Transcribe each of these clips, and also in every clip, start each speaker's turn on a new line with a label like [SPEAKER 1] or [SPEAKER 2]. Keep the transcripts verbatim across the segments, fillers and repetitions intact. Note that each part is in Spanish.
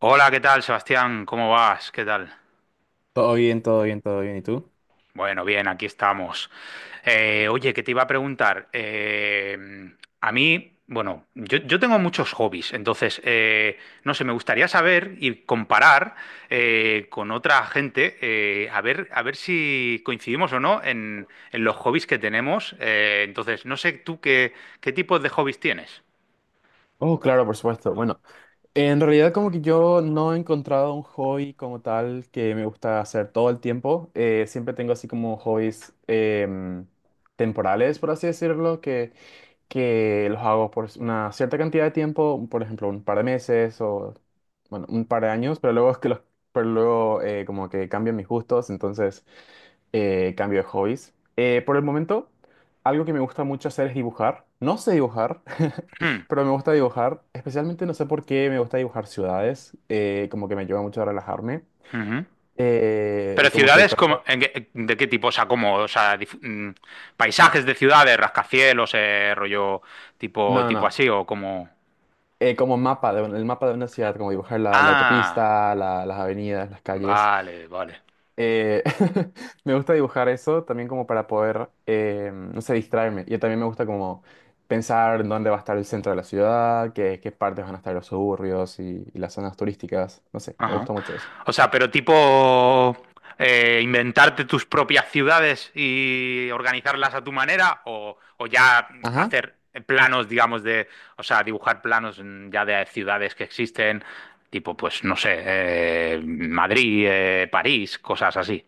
[SPEAKER 1] Hola, ¿qué tal, Sebastián? ¿Cómo vas? ¿Qué tal?
[SPEAKER 2] Todo bien, todo bien, todo bien. ¿Y tú?
[SPEAKER 1] Bueno, bien, aquí estamos. Eh, oye, que te iba a preguntar. Eh, a mí, bueno, yo, yo tengo muchos hobbies, entonces, eh, no sé, me gustaría saber y comparar eh, con otra gente, eh, a ver, a ver si coincidimos o no en, en los hobbies que tenemos. Eh, entonces, no sé tú qué, qué tipos de hobbies tienes.
[SPEAKER 2] Oh, claro, por supuesto. Bueno, en realidad como que yo no he encontrado un hobby como tal que me gusta hacer todo el tiempo. Eh, siempre tengo así como hobbies em, temporales, por así decirlo, que, que los hago por una cierta cantidad de tiempo, por ejemplo, un par de meses o, bueno, un par de años, pero luego es que los, pero luego eh, como que cambian mis gustos, entonces eh, cambio de hobbies. Eh, por el momento, algo que me gusta mucho hacer es dibujar. No sé dibujar,
[SPEAKER 1] Hmm,
[SPEAKER 2] pero me gusta dibujar. Especialmente no sé por qué me gusta dibujar ciudades. Eh, como que me ayuda mucho a relajarme.
[SPEAKER 1] ujú.
[SPEAKER 2] Eh, y
[SPEAKER 1] Pero
[SPEAKER 2] como que
[SPEAKER 1] ciudades como,
[SPEAKER 2] trato...
[SPEAKER 1] en qué- ¿de qué tipo? O sea, como, o sea, dif- mm, paisajes de ciudades, rascacielos, eh, rollo
[SPEAKER 2] No,
[SPEAKER 1] tipo,
[SPEAKER 2] no,
[SPEAKER 1] tipo
[SPEAKER 2] no.
[SPEAKER 1] así, o como.
[SPEAKER 2] Eh, como mapa, de, el mapa de una ciudad, como dibujar la, la
[SPEAKER 1] Ah,
[SPEAKER 2] autopista, la- las avenidas, las calles.
[SPEAKER 1] vale, vale.
[SPEAKER 2] Eh, me gusta dibujar eso también como para poder, eh, no sé, distraerme. Y también me gusta como pensar en dónde va a estar el centro de la ciudad, qué, qué partes van a estar los suburbios y, y las zonas turísticas. No sé, me
[SPEAKER 1] Ajá.
[SPEAKER 2] gusta mucho eso.
[SPEAKER 1] O sea, pero tipo eh, inventarte tus propias ciudades y organizarlas a tu manera, o, o ya
[SPEAKER 2] Ajá.
[SPEAKER 1] hacer planos, digamos, de, o sea, dibujar planos mm, ya de ciudades que existen, tipo, pues, no sé, eh, Madrid, eh, París, cosas así.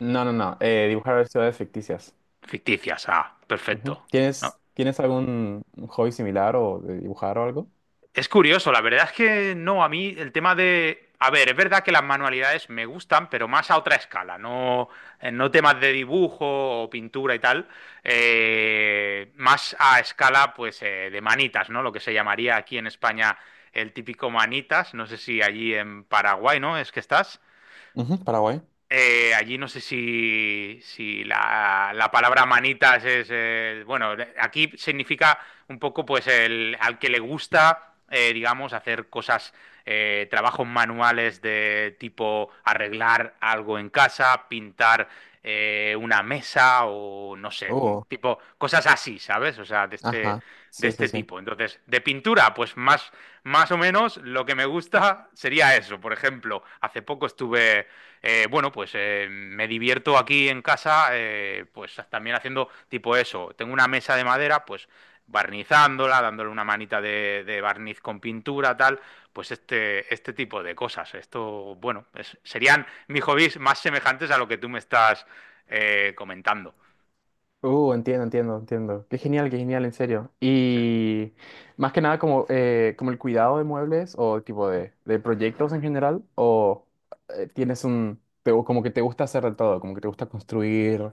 [SPEAKER 2] No, no, no, eh, dibujar ciudades ficticias.
[SPEAKER 1] Ficticias, ah, perfecto.
[SPEAKER 2] Ujú.
[SPEAKER 1] No,
[SPEAKER 2] ¿Tienes, ¿tienes algún hobby similar o de dibujar o algo?
[SPEAKER 1] es curioso, la verdad es que no, a mí el tema de... A ver, es verdad que las manualidades me gustan, pero más a otra escala, no, eh, no temas de dibujo o pintura y tal, eh, más a escala pues eh, de manitas, ¿no? Lo que se llamaría aquí en España el típico manitas, no sé si allí en Paraguay, ¿no? Es que estás.
[SPEAKER 2] Ujú, Paraguay.
[SPEAKER 1] Eh, allí no sé si, si la, la palabra manitas es, eh, bueno, aquí significa un poco pues el, al que le gusta, eh, digamos, hacer cosas, eh, trabajos manuales de tipo arreglar algo en casa, pintar eh, una mesa o no sé,
[SPEAKER 2] Oh,
[SPEAKER 1] tipo cosas así, ¿sabes? O sea, de este,
[SPEAKER 2] ajá.
[SPEAKER 1] de
[SPEAKER 2] Sí, sí,
[SPEAKER 1] este
[SPEAKER 2] sí.
[SPEAKER 1] tipo. Entonces, de pintura, pues más, más o menos lo que me gusta sería eso. Por ejemplo, hace poco estuve eh, bueno, pues eh, me divierto aquí en casa, eh, pues también haciendo tipo eso. Tengo una mesa de madera, pues barnizándola, dándole una manita de, de barniz con pintura, tal, pues este, este tipo de cosas. Esto, bueno, es- serían mis hobbies más semejantes a lo que tú me estás eh, comentando.
[SPEAKER 2] Uh, entiendo, entiendo, entiendo. Qué genial, qué genial, en serio.
[SPEAKER 1] Sí,
[SPEAKER 2] Y más que nada como, eh, como el cuidado de muebles o tipo de, de proyectos en general, o eh, tienes un, te gu- como que te gusta hacer de todo, como que te gusta construir,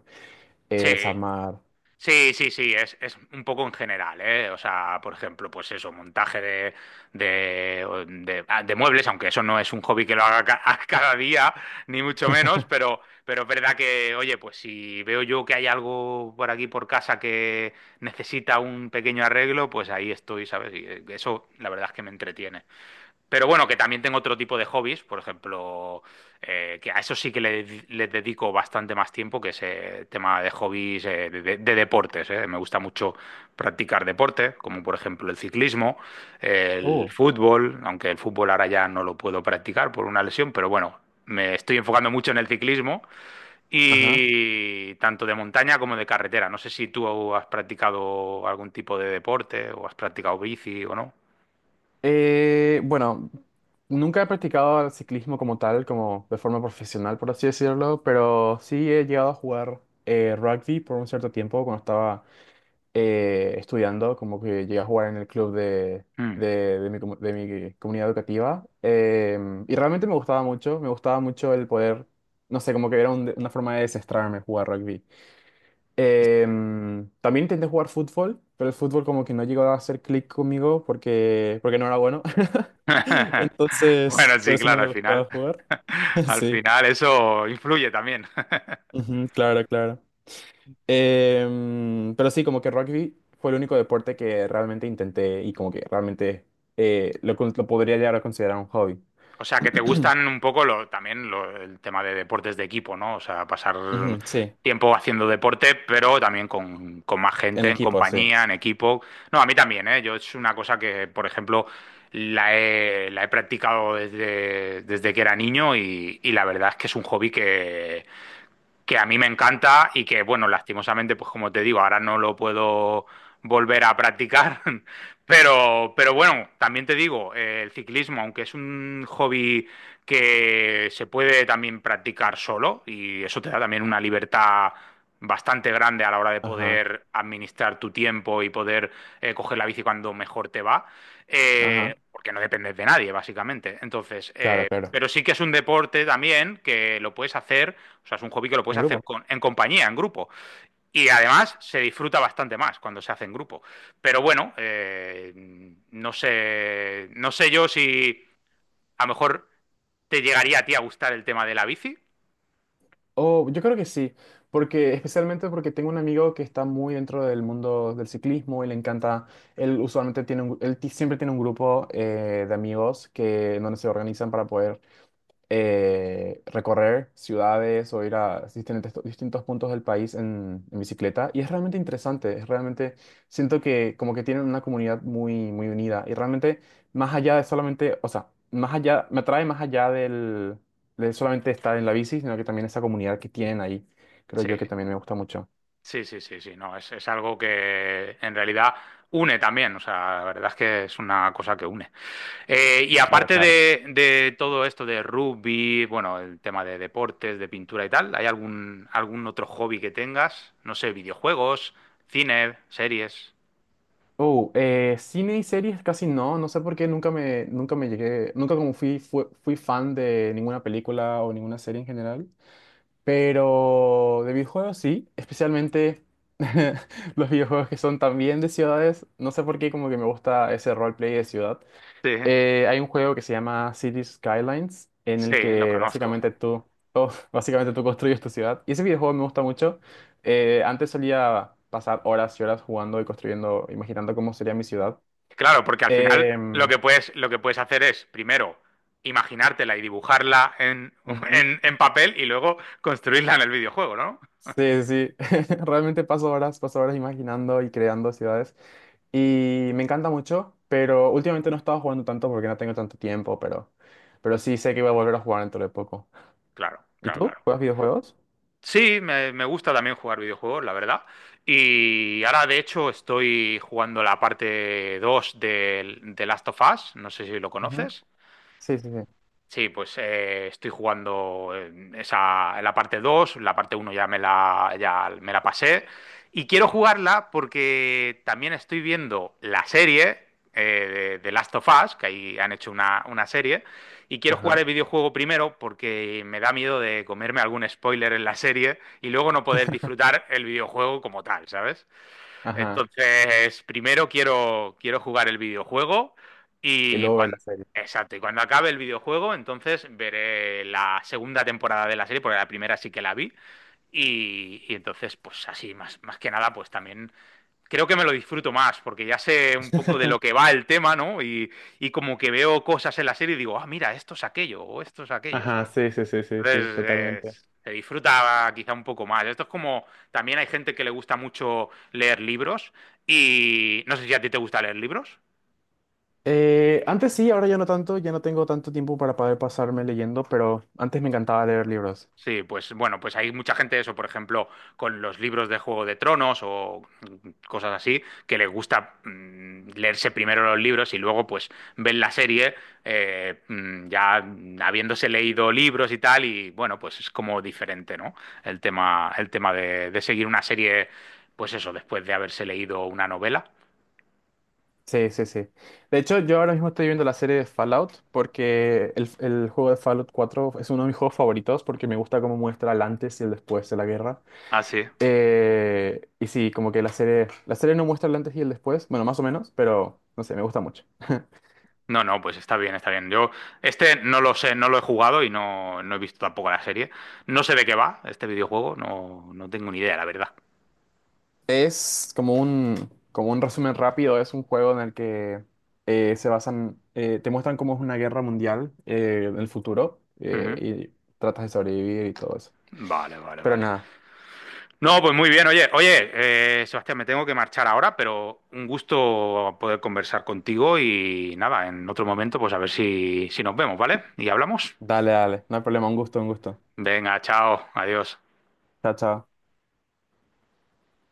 [SPEAKER 1] sí.
[SPEAKER 2] eh, desarmar.
[SPEAKER 1] Sí, sí, sí, es, es un poco en general, ¿eh? O sea, por ejemplo, pues eso, montaje de, de, o de- ah, de muebles, aunque eso no es un hobby que lo haga ca- cada día, ni mucho menos, pero, pero es verdad que, oye, pues si veo yo que hay algo por aquí por casa que necesita un pequeño arreglo, pues ahí estoy, ¿sabes? Y eh, eso, la verdad es que me entretiene. Pero bueno, que también tengo otro tipo de hobbies, por ejemplo, eh, que a eso sí que le, le dedico bastante más tiempo, que es eh, tema de hobbies eh, de, de de deportes. eh. Me gusta mucho practicar deporte, como por ejemplo el ciclismo, el
[SPEAKER 2] Uh,
[SPEAKER 1] fútbol, aunque el fútbol ahora ya no lo puedo practicar por una lesión, pero bueno, me estoy enfocando mucho en el ciclismo
[SPEAKER 2] ajá.
[SPEAKER 1] y tanto de montaña como de carretera. No sé si tú has practicado algún tipo de deporte o has practicado bici o no.
[SPEAKER 2] Eh, bueno, nunca he practicado el ciclismo como tal, como de forma profesional, por así decirlo, pero sí he llegado a jugar eh, rugby por un cierto tiempo cuando estaba eh, estudiando, como que llegué a jugar en el club de,
[SPEAKER 1] Mm.
[SPEAKER 2] de, de mi, comu- de mi comunidad educativa. Em, y realmente me gustaba mucho, me gustaba mucho el poder, no sé, como que era un- una forma de desestrarme jugar rugby. Em, también intenté jugar fútbol, pero el fútbol como que no llegó a hacer clic conmigo porque, porque no era bueno. Entonces,
[SPEAKER 1] Bueno,
[SPEAKER 2] por
[SPEAKER 1] sí,
[SPEAKER 2] eso no
[SPEAKER 1] claro, al
[SPEAKER 2] me gustaba
[SPEAKER 1] final,
[SPEAKER 2] jugar.
[SPEAKER 1] al
[SPEAKER 2] Sí,
[SPEAKER 1] final eso influye también.
[SPEAKER 2] ujú, claro, claro. Em, pero sí, como que rugby fue el único deporte que realmente intenté y como que realmente eh, lo, con- lo podría llegar a considerar un hobby.
[SPEAKER 1] O sea, que te gustan un poco lo, también lo- el tema de deportes de equipo, ¿no? O sea, pasar
[SPEAKER 2] Ujú, sí,
[SPEAKER 1] tiempo haciendo deporte, pero también con, con más
[SPEAKER 2] en
[SPEAKER 1] gente, en
[SPEAKER 2] equipo, sí.
[SPEAKER 1] compañía, en equipo. No, a mí también, ¿eh? Yo es una cosa que, por ejemplo, la he, la he practicado desde, desde que era niño y, y la verdad es que es un hobby que, que a mí me encanta y que, bueno, lastimosamente, pues como te digo, ahora no lo puedo volver a practicar, pero, pero bueno, también te digo, eh, el ciclismo, aunque es un hobby que se puede también practicar solo y eso te da también una libertad bastante grande a la hora de
[SPEAKER 2] Ajá,
[SPEAKER 1] poder administrar tu tiempo y poder eh, coger la bici cuando mejor te va, eh,
[SPEAKER 2] ajá,
[SPEAKER 1] porque no dependes de nadie, básicamente. Entonces,
[SPEAKER 2] claro,
[SPEAKER 1] eh,
[SPEAKER 2] claro.
[SPEAKER 1] pero sí que es un deporte también que lo puedes hacer o sea, es un hobby que lo puedes
[SPEAKER 2] En
[SPEAKER 1] hacer
[SPEAKER 2] grupo.
[SPEAKER 1] con, en compañía, en grupo. Y además se disfruta bastante más cuando se hace en grupo. Pero bueno, eh, no sé. No sé yo si a lo mejor te llegaría a ti a gustar el tema de la bici.
[SPEAKER 2] Oh, yo creo que sí, porque especialmente porque tengo un amigo que está muy dentro del mundo del ciclismo y le encanta, él usualmente tiene un, él ti- siempre tiene un grupo eh, de amigos que en donde se organizan para poder eh, recorrer ciudades o ir a distintos, distintos puntos del país en, en bicicleta. Y es realmente interesante, es realmente, siento que como que tienen una comunidad muy, muy unida y realmente más allá de solamente, o sea, más allá, me atrae más allá del, de solamente estar en la bici, sino que también esa comunidad que tienen ahí, creo
[SPEAKER 1] Sí,
[SPEAKER 2] yo que también me gusta mucho.
[SPEAKER 1] sí, sí, sí, sí. No, es, es algo que en realidad une también. O sea, la verdad es que es una cosa que une. Eh, y
[SPEAKER 2] Claro,
[SPEAKER 1] aparte
[SPEAKER 2] claro.
[SPEAKER 1] de, de todo esto de rugby, bueno, el tema de deportes, de pintura y tal, ¿hay algún, algún otro hobby que tengas? No sé, videojuegos, cine, series.
[SPEAKER 2] Oh, eh, cine y series casi no, no sé por qué nunca me, nunca me llegué, nunca como fui, fue- fui fan de ninguna película o ninguna serie en general. Pero de videojuegos sí, especialmente los videojuegos que son también de ciudades. No sé por qué como que me gusta ese roleplay de ciudad.
[SPEAKER 1] Sí,
[SPEAKER 2] Eh, hay un juego que se llama Cities Skylines en
[SPEAKER 1] sí,
[SPEAKER 2] el
[SPEAKER 1] lo
[SPEAKER 2] que
[SPEAKER 1] conozco.
[SPEAKER 2] básicamente tú, oh, básicamente tú construyes tu ciudad. Y ese videojuego me gusta mucho. Eh, antes solía pasar horas y horas jugando y construyendo, imaginando cómo sería mi ciudad.
[SPEAKER 1] Claro, porque al final lo
[SPEAKER 2] Em,
[SPEAKER 1] que puedes, lo que puedes hacer es, primero, imaginártela y dibujarla en,
[SPEAKER 2] ujú.
[SPEAKER 1] en, en papel y luego construirla en el videojuego, ¿no?
[SPEAKER 2] Sí, sí, realmente paso horas, paso horas imaginando y creando ciudades. Y me encanta mucho, pero últimamente no he estado jugando tanto porque no tengo tanto tiempo, pero, pero sí sé que voy a volver a jugar dentro de poco.
[SPEAKER 1] Claro,
[SPEAKER 2] ¿Y
[SPEAKER 1] claro,
[SPEAKER 2] tú?
[SPEAKER 1] claro.
[SPEAKER 2] ¿Juegas videojuegos?
[SPEAKER 1] Sí, me, me gusta también jugar videojuegos, la verdad. Y ahora, de hecho, estoy jugando la parte dos de, de Last of Us. No sé si lo
[SPEAKER 2] Ujú.
[SPEAKER 1] conoces.
[SPEAKER 2] Sí, sí, sí.
[SPEAKER 1] Sí, pues eh, estoy jugando en esa, en la parte dos. La parte uno ya me la, ya me la pasé y quiero jugarla porque también estoy viendo la serie eh, de, de Last of Us, que ahí han hecho una, una serie, y quiero jugar
[SPEAKER 2] Ajá,
[SPEAKER 1] el videojuego primero porque me da miedo de comerme algún spoiler en la serie y luego no poder disfrutar el videojuego como tal, ¿sabes?
[SPEAKER 2] ajá.
[SPEAKER 1] Entonces, primero quiero, quiero jugar el videojuego
[SPEAKER 2] Y
[SPEAKER 1] y
[SPEAKER 2] luego ver
[SPEAKER 1] cuando,
[SPEAKER 2] la serie.
[SPEAKER 1] exacto, y cuando acabe el videojuego, entonces veré la segunda temporada de la serie, porque la primera sí que la vi. Y, y entonces, pues así, más, más que nada, pues también creo que me lo disfruto más, porque ya sé un poco de lo que va el tema, ¿no? Y, y como que veo cosas en la serie y digo, ah, mira, esto es aquello, o esto es aquello,
[SPEAKER 2] Ajá,
[SPEAKER 1] ¿sabes?
[SPEAKER 2] sí, sí, sí, sí,
[SPEAKER 1] Entonces,
[SPEAKER 2] sí,
[SPEAKER 1] eh,
[SPEAKER 2] totalmente.
[SPEAKER 1] se disfruta quizá un poco más. Esto es como, también hay gente que le gusta mucho leer libros y no sé si a ti te gusta leer libros.
[SPEAKER 2] Eh, antes sí, ahora ya no tanto, ya no tengo tanto tiempo para poder pasarme leyendo, pero antes me encantaba leer libros.
[SPEAKER 1] Sí, pues bueno, pues hay mucha gente, eso, por ejemplo, con los libros de Juego de Tronos o mm, cosas así, que les gusta mm, leerse primero los libros y luego pues ven la serie eh, mm, ya mm, habiéndose leído libros y tal, y bueno, pues es como diferente, ¿no? El tema, el tema de, de seguir una serie, pues eso, después de haberse leído una novela.
[SPEAKER 2] Sí, sí, sí. De hecho, yo ahora mismo estoy viendo la serie de Fallout porque el, el juego de Fallout cuatro es uno de mis juegos favoritos porque me gusta cómo muestra el antes y el después de la guerra.
[SPEAKER 1] Ah, sí.
[SPEAKER 2] Eh, y sí, como que la serie, la serie no muestra el antes y el después, bueno, más o menos, pero no sé, me gusta mucho.
[SPEAKER 1] No, no, pues está bien, está bien. Yo este no lo sé, no lo he jugado y no, no he visto tampoco la serie. No sé de qué va este videojuego, no, no tengo ni idea, la verdad.
[SPEAKER 2] Es como un, como un resumen rápido, es un juego en el que eh, se basan, eh, te muestran cómo es una guerra mundial eh, en el futuro
[SPEAKER 1] Ujú.
[SPEAKER 2] eh, y tratas de sobrevivir y todo eso.
[SPEAKER 1] Vale, vale,
[SPEAKER 2] Pero
[SPEAKER 1] vale.
[SPEAKER 2] nada,
[SPEAKER 1] No, pues muy bien, oye, oye, eh, Sebastián, me tengo que marchar ahora, pero un gusto poder conversar contigo y nada, en otro momento, pues a ver si, si nos vemos, ¿vale? Y hablamos.
[SPEAKER 2] dale, dale, no hay problema, un gusto, un gusto.
[SPEAKER 1] Venga, chao, adiós.
[SPEAKER 2] Chao, chao.